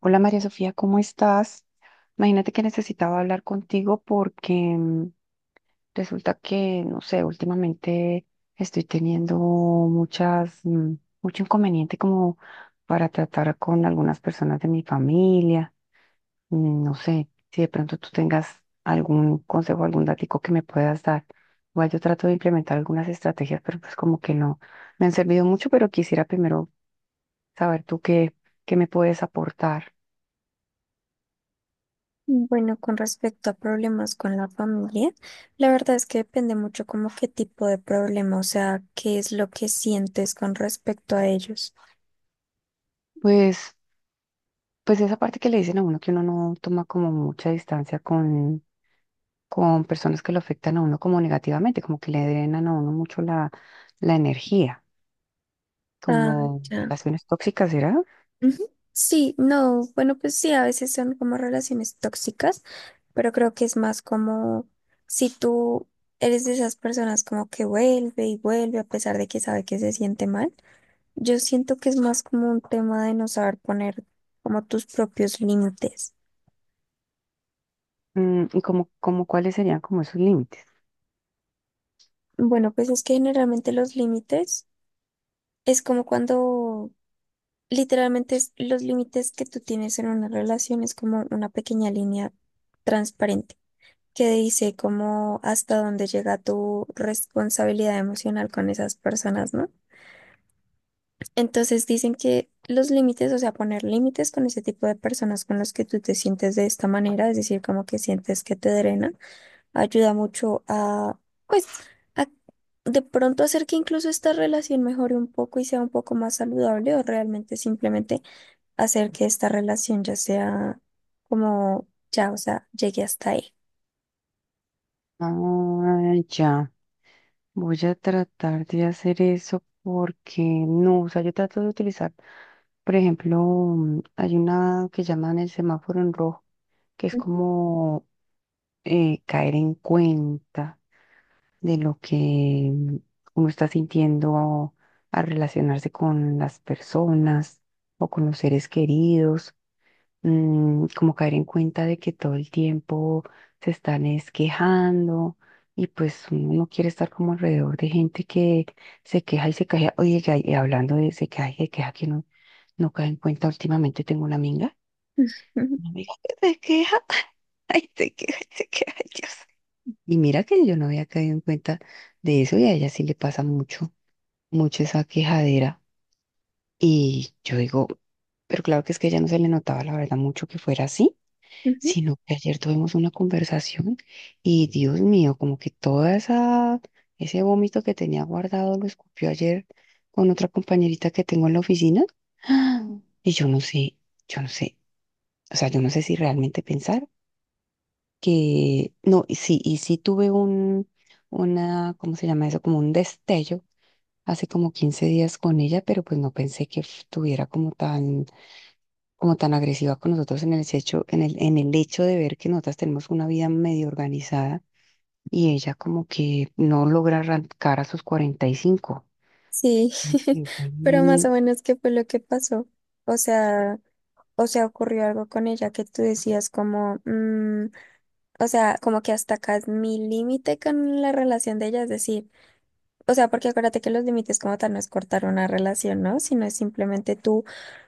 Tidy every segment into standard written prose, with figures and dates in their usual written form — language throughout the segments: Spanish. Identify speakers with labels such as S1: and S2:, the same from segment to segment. S1: Hola María Sofía, ¿cómo estás? Imagínate que necesitaba hablar contigo porque resulta que, no sé, últimamente estoy teniendo mucho inconveniente como para tratar con algunas personas de mi familia. No sé si de pronto tú tengas algún consejo, algún datico que me puedas dar. Igual yo trato de implementar algunas estrategias, pero pues como que no me han servido mucho, pero quisiera primero saber tú qué me puedes aportar.
S2: Bueno, con respecto a problemas con la familia, la verdad es que depende mucho como qué tipo de problema, o sea, qué es lo que sientes con respecto a ellos.
S1: Pues. Pues esa parte que le dicen a uno, que uno no toma como mucha distancia con personas que lo afectan a uno como negativamente, como que le drenan a uno mucho la energía,
S2: Ah,
S1: como
S2: ya.
S1: relaciones tóxicas, ¿será?
S2: Ujú. Sí, no, bueno, pues sí, a veces son como relaciones tóxicas, pero creo que es más como si tú eres de esas personas como que vuelve y vuelve a pesar de que sabe que se siente mal. Yo siento que es más como un tema de no saber poner como tus propios límites.
S1: ¿Y como cuáles serían como esos límites?
S2: Bueno, pues es que generalmente los límites es como cuando literalmente los límites que tú tienes en una relación es como una pequeña línea transparente que dice como hasta dónde llega tu responsabilidad emocional con esas personas, ¿no? Entonces dicen que los límites, o sea, poner límites con ese tipo de personas con los que tú te sientes de esta manera, es decir, como que sientes que te drenan ayuda mucho a, pues, a de pronto hacer que incluso esta relación mejore un poco y sea un poco más saludable o realmente simplemente hacer que esta relación ya sea como, ya, o sea, llegue hasta ahí.
S1: Ah, ya, voy a tratar de hacer eso, porque no, o sea, yo trato de utilizar, por ejemplo, hay una que llaman el semáforo en rojo, que es
S2: Ujú,
S1: como caer en cuenta de lo que uno está sintiendo al relacionarse con las personas o con los seres queridos. Como caer en cuenta de que todo el tiempo se están es quejando, y pues uno no quiere estar como alrededor de gente que se queja y se queja. Oye, y hablando de se queja y se queja, que no, no cae en cuenta, últimamente tengo
S2: ujú.
S1: una amiga que se queja, ay, se queja, y se queja, ay, Dios. Y mira que yo no había caído en cuenta de eso, y a ella sí le pasa mucho, mucho esa quejadera. Y yo digo, pero claro, que es que a ella no se le notaba la verdad mucho que fuera así,
S2: Ujú.
S1: sino que ayer tuvimos una conversación y, Dios mío, como que toda ese vómito que tenía guardado lo escupió ayer con otra compañerita que tengo en la oficina. ¡Ah! Y yo no sé, yo no sé, o sea, yo no sé si realmente pensar que no, y sí tuve una, ¿cómo se llama eso?, como un destello hace como 15 días con ella, pero pues no pensé que tuviera como tan agresiva con nosotros en el hecho, en el hecho de ver que nosotras tenemos una vida medio organizada, y ella como que no logra arrancar a sus 45.
S2: Sí,
S1: Y fue
S2: pero más
S1: bien,
S2: o menos qué fue lo que pasó. O sea, ocurrió algo con ella que tú decías como, mm, o sea, como que hasta acá es mi límite con la relación de ella, es decir. O sea, porque acuérdate que los límites como tal no es cortar una relación, ¿no? Sino es simplemente tú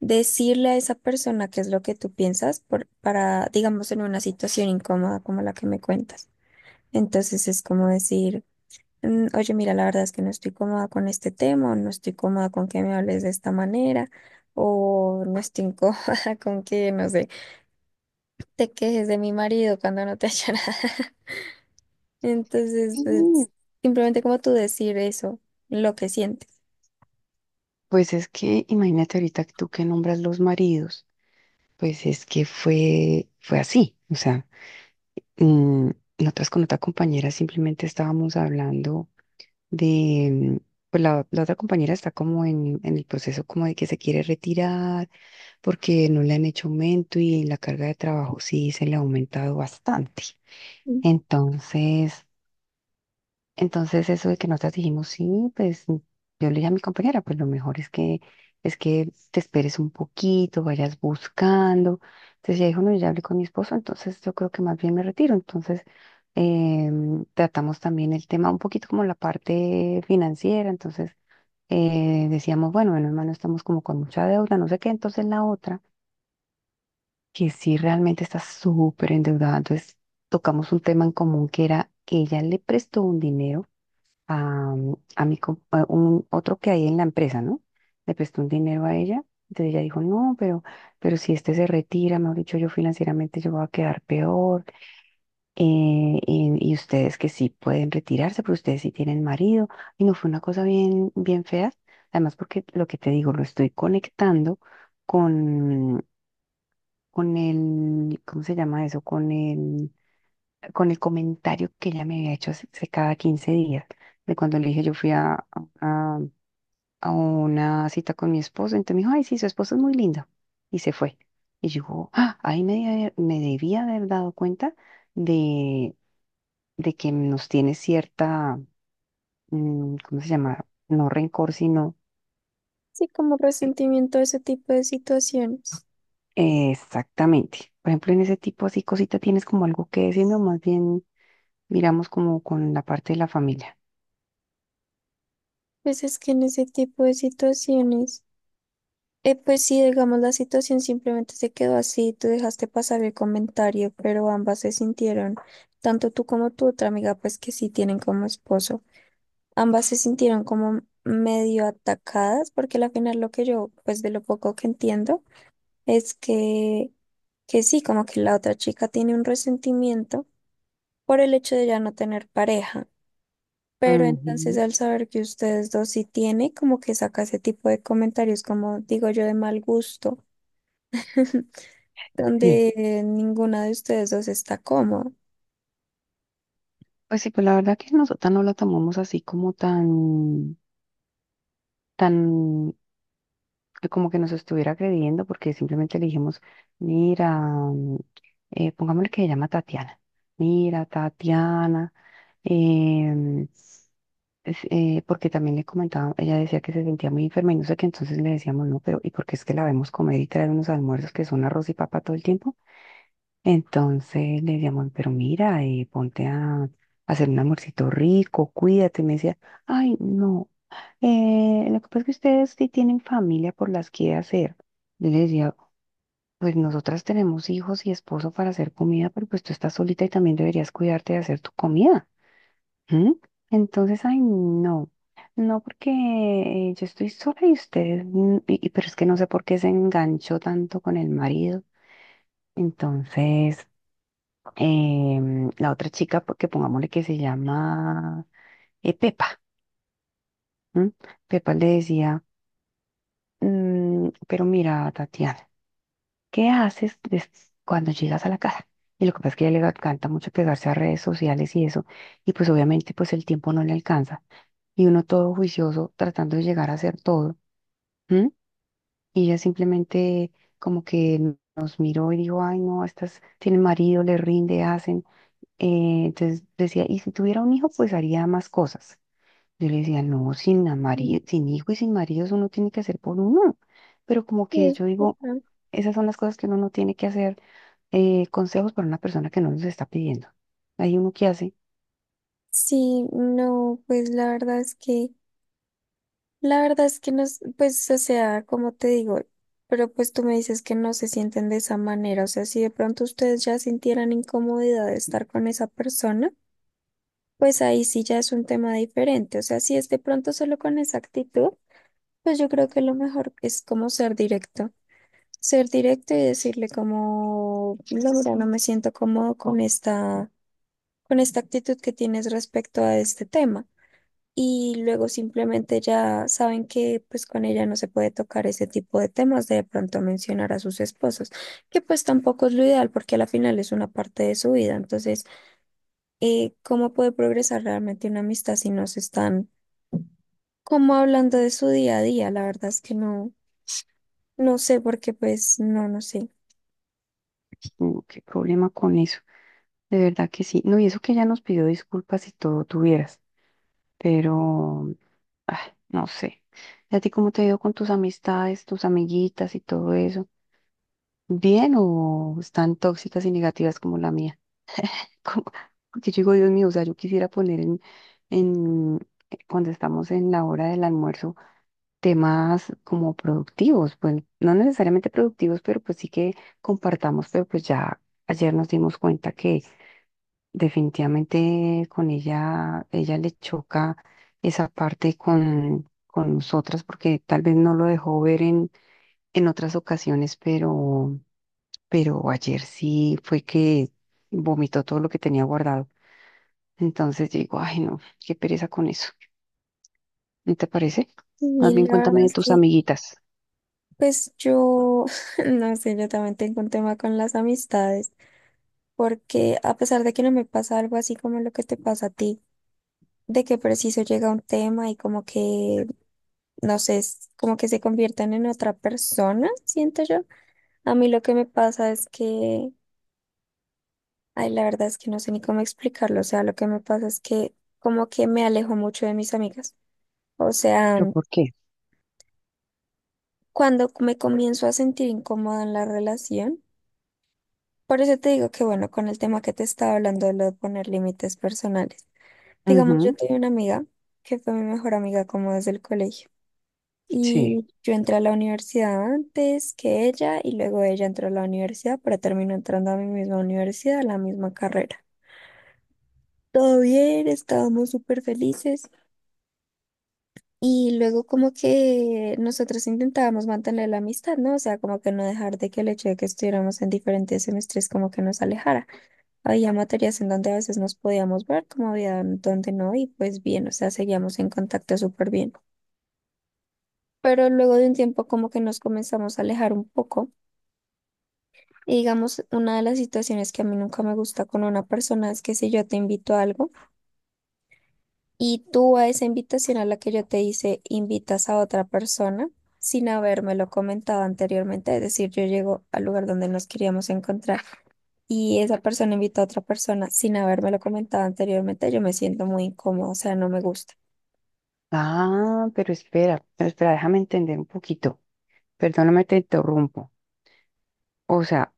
S2: decirle a esa persona qué es lo que tú piensas por, para, digamos, en una situación incómoda como la que me cuentas. Entonces es como decir, "Mm, oye, mira, la verdad es que no estoy cómoda con este tema, o no estoy cómoda con que me hables de esta manera, o no estoy cómoda con que, no sé, te quejes de mi marido cuando no te ha hecho nada". Entonces,
S1: y,
S2: es simplemente como tú decir eso, lo que sientes.
S1: pues es que imagínate ahorita que tú que nombras los maridos, pues es que fue así. O sea, Mm, nosotras con otra compañera simplemente estábamos hablando de, pues la otra compañera está como en el proceso, como de que se quiere retirar porque no le han hecho aumento y la carga de trabajo sí se le ha aumentado bastante. Entonces, eso de que nosotras dijimos, sí, pues yo le dije a mi compañera, pues lo mejor es que te esperes un poquito, vayas buscando. Entonces ella dijo, no, yo ya hablé con mi esposo, entonces yo creo que más bien me retiro. Entonces, tratamos también el tema un poquito, como la parte financiera. Entonces, decíamos, bueno, bueno, hermano, estamos como con mucha deuda, no sé qué. Entonces, la otra, que sí realmente está súper endeudada, entonces tocamos un tema en común, que era que ella le prestó un dinero a, mm, a mi, com- a un otro que hay en la empresa, ¿no? Le prestó un dinero a ella. Entonces ella dijo, no, pero si este se retira, mejor dicho, yo financieramente yo voy a quedar peor. Y ustedes que sí pueden retirarse, pero ustedes sí tienen marido. Y no fue una cosa bien, bien fea. Además, porque lo que te digo, lo estoy conectando con, con el, ¿cómo se llama eso?, con el comentario que ella me había hecho hace cada 15 días, de cuando le dije yo fui a, a una cita con mi esposo. Entonces me dijo, ay, sí, su esposo es muy lindo, y se fue. Y yo, ah, ahí me debía haber dado cuenta de, de que nos tiene cierta, ¿cómo se llama?, no rencor, sino...
S2: Sí, como
S1: eh,
S2: resentimiento a ese tipo de situaciones.
S1: exactamente. Por ejemplo, en ese tipo así cosita tienes como algo que decir, no, más bien miramos como con la parte de la familia.
S2: Pues es que en ese tipo de situaciones, pues sí, digamos, la situación simplemente se quedó así, tú dejaste pasar el comentario, pero ambas se sintieron, tanto tú como tu otra amiga, pues que sí tienen como esposo, ambas se sintieron como medio atacadas, porque al final lo que yo, pues de lo poco que entiendo, es que sí, como que la otra chica tiene un resentimiento por el hecho de ya no tener pareja. Pero entonces
S1: Ujú.
S2: al saber que ustedes dos sí tiene, como que saca ese tipo de comentarios, como digo yo, de mal gusto,
S1: Sí.
S2: donde ninguna de ustedes dos está cómoda.
S1: Pues sí, pues la verdad que nosotras no lo tomamos así como tan, como que nos estuviera agrediendo, porque simplemente le dijimos, mira, pongámosle que se llama Tatiana. Mira, Tatiana, em, porque también le comentaba, ella decía que se sentía muy enferma y no sé qué, entonces le decíamos, no, pero ¿y porque es que la vemos comer y traer unos almuerzos que son arroz y papa todo el tiempo? Entonces le llamó, pero mira, ponte a hacer un amorcito rico, cuídate. Y me decía, ay, no, lo que pasa es que ustedes sí tienen familia por las que hacer. Yo le decía, pues nosotras tenemos hijos y esposo para hacer comida, pero pues tú estás solita y también deberías cuidarte de hacer tu comida. ¿M? Entonces, ay, no, no, porque yo estoy sola y ustedes, pero es que no sé por qué se enganchó tanto con el marido. Entonces, la otra chica, porque pongámosle que se llama Pepa. ¿M? Pepa le decía, " Pero mira, Tatiana, ¿qué haces cuando llegas a la casa? Y lo que pasa es que a ella le encanta mucho pegarse a redes sociales y eso, y pues obviamente pues el tiempo no le alcanza, y uno todo juicioso tratando de llegar a hacer todo. ¿M? Y ella simplemente como que nos miró y dijo, ay, no, estas tienen marido, le rinde, hacen. Entonces decía, y si tuviera un hijo, pues haría más cosas. Yo le decía, no,
S2: Mm.
S1: sin hijo y sin marido, eso uno tiene que hacer por uno. Pero como
S2: Sí,
S1: que
S2: es
S1: yo digo,
S2: verdad.
S1: esas son las cosas que uno no tiene que hacer, consejos para una persona que no los está pidiendo. Hay uno que hace.
S2: Sí, no, pues la verdad es que, la verdad es que no, pues, o sea, como te digo, pero pues tú me dices que no se sienten de esa manera, o sea, si de pronto ustedes ya sintieran incomodidad de estar con esa persona, pues ahí sí ya es un tema diferente, o sea, si es de pronto solo con esa actitud. Pues yo creo que lo mejor es como ser directo y decirle como, la verdad no me siento cómodo con esta actitud que tienes respecto a este tema. Y luego simplemente ya saben que pues con ella no se puede tocar ese tipo de temas, de pronto mencionar a sus esposos, que pues tampoco es lo ideal porque a la final es una parte de su vida. Entonces, ¿cómo puede progresar realmente una amistad si no se están como hablando de su día a día? La verdad es que no. No sé porque pues no, no sé.
S1: Qué problema con eso. De verdad que sí. No, y eso que ella nos pidió disculpas y todo tuvieras, pero, ah, no sé. ¿Y a ti cómo te ha ido con tus amistades, tus amiguitas y todo eso? ¿Bien o están tóxicas y negativas como la mía? Como- Porque yo digo, Dios mío, o sea, yo quisiera poner en cuando estamos en la hora del almuerzo, temas como productivos, pues no necesariamente productivos, pero pues sí que compartamos, pero pues ya ayer nos dimos cuenta que definitivamente con ella, ella le choca esa parte con nosotras, porque tal vez no lo dejó ver en otras ocasiones, pero ayer sí fue que vomitó todo lo que tenía guardado. Entonces digo, ay, no, qué pereza con eso. ¿No te parece? Más
S2: Y
S1: bien
S2: la
S1: cuéntame
S2: verdad
S1: de
S2: es
S1: tus
S2: que
S1: amiguitas.
S2: pues yo, no sé, yo también tengo un tema con las amistades, porque a pesar de que no me pasa algo así como lo que te pasa a ti, de que preciso llega un tema y como que, no sé, es como que se convierten en otra persona, siento yo. A mí lo que me pasa es que, ay, la verdad es que no sé ni cómo explicarlo, o sea, lo que me pasa es que como que me alejo mucho de mis amigas. O sea,
S1: ¿Pero por qué?
S2: cuando me comienzo a sentir incómoda en la relación, por eso te digo que, bueno, con el tema que te estaba hablando de lo de poner límites personales. Digamos, yo
S1: Ujú,
S2: tuve una amiga que fue mi mejor amiga como desde el colegio.
S1: sí.
S2: Y yo entré a la universidad antes que ella y luego ella entró a la universidad, pero terminó entrando a mi misma universidad, a la misma carrera. Todo bien, estábamos súper felices. Y luego como que nosotros intentábamos mantener la amistad, ¿no? O sea, como que no dejar de que el hecho de que estuviéramos en diferentes semestres como que nos alejara. Había materias en donde a veces nos podíamos ver, como había en donde no, y pues bien, o sea, seguíamos en contacto súper bien. Pero luego de un tiempo como que nos comenzamos a alejar un poco. Y digamos, una de las situaciones que a mí nunca me gusta con una persona es que si yo te invito a algo, y tú a esa invitación a la que yo te hice, invitas a otra persona sin habérmelo comentado anteriormente. Es decir, yo llego al lugar donde nos queríamos encontrar y esa persona invita a otra persona sin habérmelo comentado anteriormente. Yo me siento muy incómodo, o sea, no me gusta.
S1: Ah, pero espera, déjame entender un poquito. Perdóname, te interrumpo. O sea,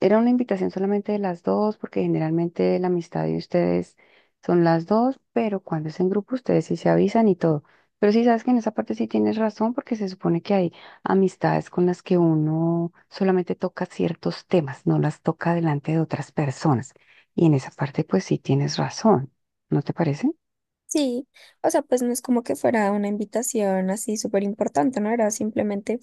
S1: ¿era una invitación solamente de las dos, porque generalmente la amistad de ustedes son las dos, pero cuando es en grupo ustedes sí se avisan y todo? Pero sí sabes que en esa parte sí tienes razón, porque se supone que hay amistades con las que uno solamente toca ciertos temas, no las toca delante de otras personas. Y en esa parte pues sí tienes razón, ¿no te parece?
S2: Sí, o sea, pues no es como que fuera una invitación así súper importante, ¿no? Era simplemente,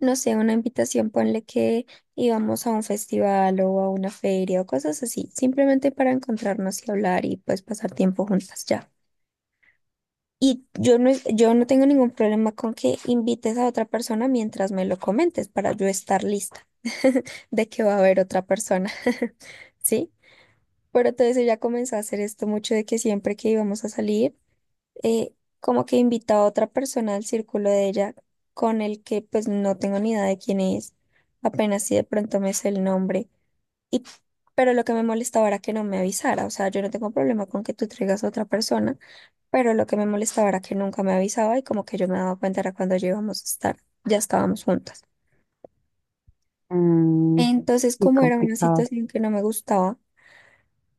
S2: no sé, una invitación, ponle que íbamos a un festival o a una feria o cosas así, simplemente para encontrarnos y hablar y pues pasar tiempo juntas ya. Y yo no, yo no tengo ningún problema con que invites a otra persona mientras me lo comentes para yo estar lista de que va a haber otra persona, ¿sí? Pero entonces ella comenzó a hacer esto mucho de que siempre que íbamos a salir, eh, como que invitaba a otra persona al círculo de ella con el que pues no tengo ni idea de quién es, apenas si de pronto me sé el nombre. Y, pero lo que me molestaba era que no me avisara, o sea, yo no tengo problema con que tú traigas a otra persona, pero lo que me molestaba era que nunca me avisaba y como que yo me daba cuenta era cuando ya íbamos a estar, ya estábamos juntas.
S1: Mm,
S2: Entonces,
S1: y
S2: como era una
S1: complicado.
S2: situación que no me gustaba,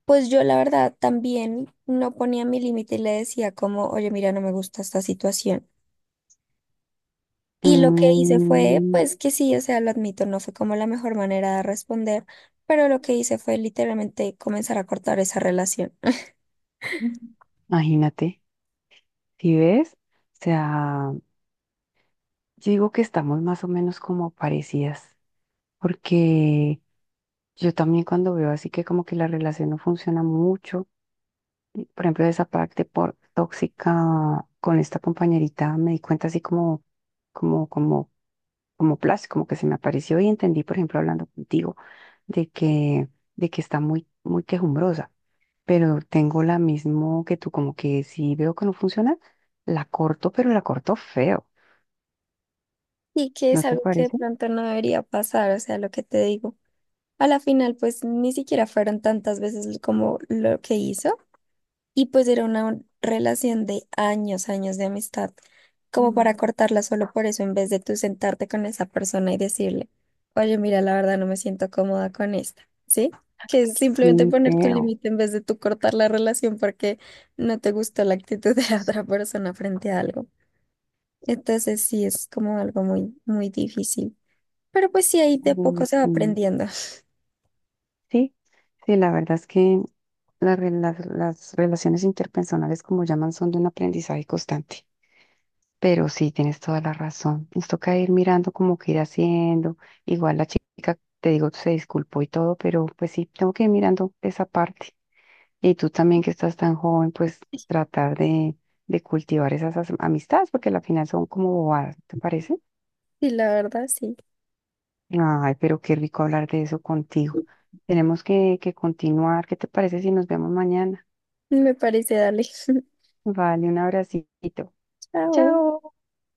S2: pues yo la verdad también no ponía mi límite y le decía como, oye, mira, no me gusta esta situación. Y lo que hice fue,
S1: Mm,
S2: pues que sí, o sea, lo admito, no fue como la mejor manera de responder, pero lo que hice fue literalmente comenzar a cortar esa relación.
S1: Imagínate, si ves, o sea... Yo digo que estamos más o menos como parecidas, porque yo también cuando veo así que como que la relación no funciona mucho, y, por ejemplo, de esa parte por tóxica con esta compañerita, me di cuenta así como, como, como flash, como que se me apareció y entendí, por ejemplo, hablando contigo, de que, de que está muy, muy quejumbrosa, pero tengo la mismo que tú, como que si veo que no funciona, la corto, pero la corto feo,
S2: Y que
S1: ¿no
S2: es
S1: te
S2: algo que de
S1: parece?
S2: pronto no debería pasar, o sea, lo que te digo. A la final, pues ni siquiera fueron tantas veces como lo que hizo. Y pues era una relación de años, años de amistad, como
S1: Mm.
S2: para cortarla solo por eso, en vez de tú sentarte con esa persona y decirle, oye, mira, la verdad no me siento cómoda con esta, ¿sí? Que es simplemente
S1: Sí,
S2: poner tu
S1: feo.
S2: límite en vez de tú cortar la relación porque no te gustó la actitud de la otra persona frente a algo. Entonces sí, es como algo muy, muy difícil. Pero pues sí, ahí de
S1: Mm.
S2: poco se va
S1: Sí,
S2: aprendiendo.
S1: sí, sí, la verdad es que las relaciones interpersonales, como llaman, son de un aprendizaje constante. Pero sí, tienes toda la razón. Nos toca ir mirando, como que ir haciendo. Igual la chica, te digo, se disculpó y todo, pero pues sí, tengo que ir mirando esa parte. Y tú también, que estás tan joven, pues tratar de cultivar esas amistades, porque al final son como bobadas, ¿te parece?
S2: Y la verdad, sí.
S1: Ay, pero qué rico hablar de eso contigo. Tenemos que continuar. ¿Qué te parece si nos vemos mañana?
S2: Me parece, dale.
S1: Vale, un abracito.
S2: Chao.
S1: Chao.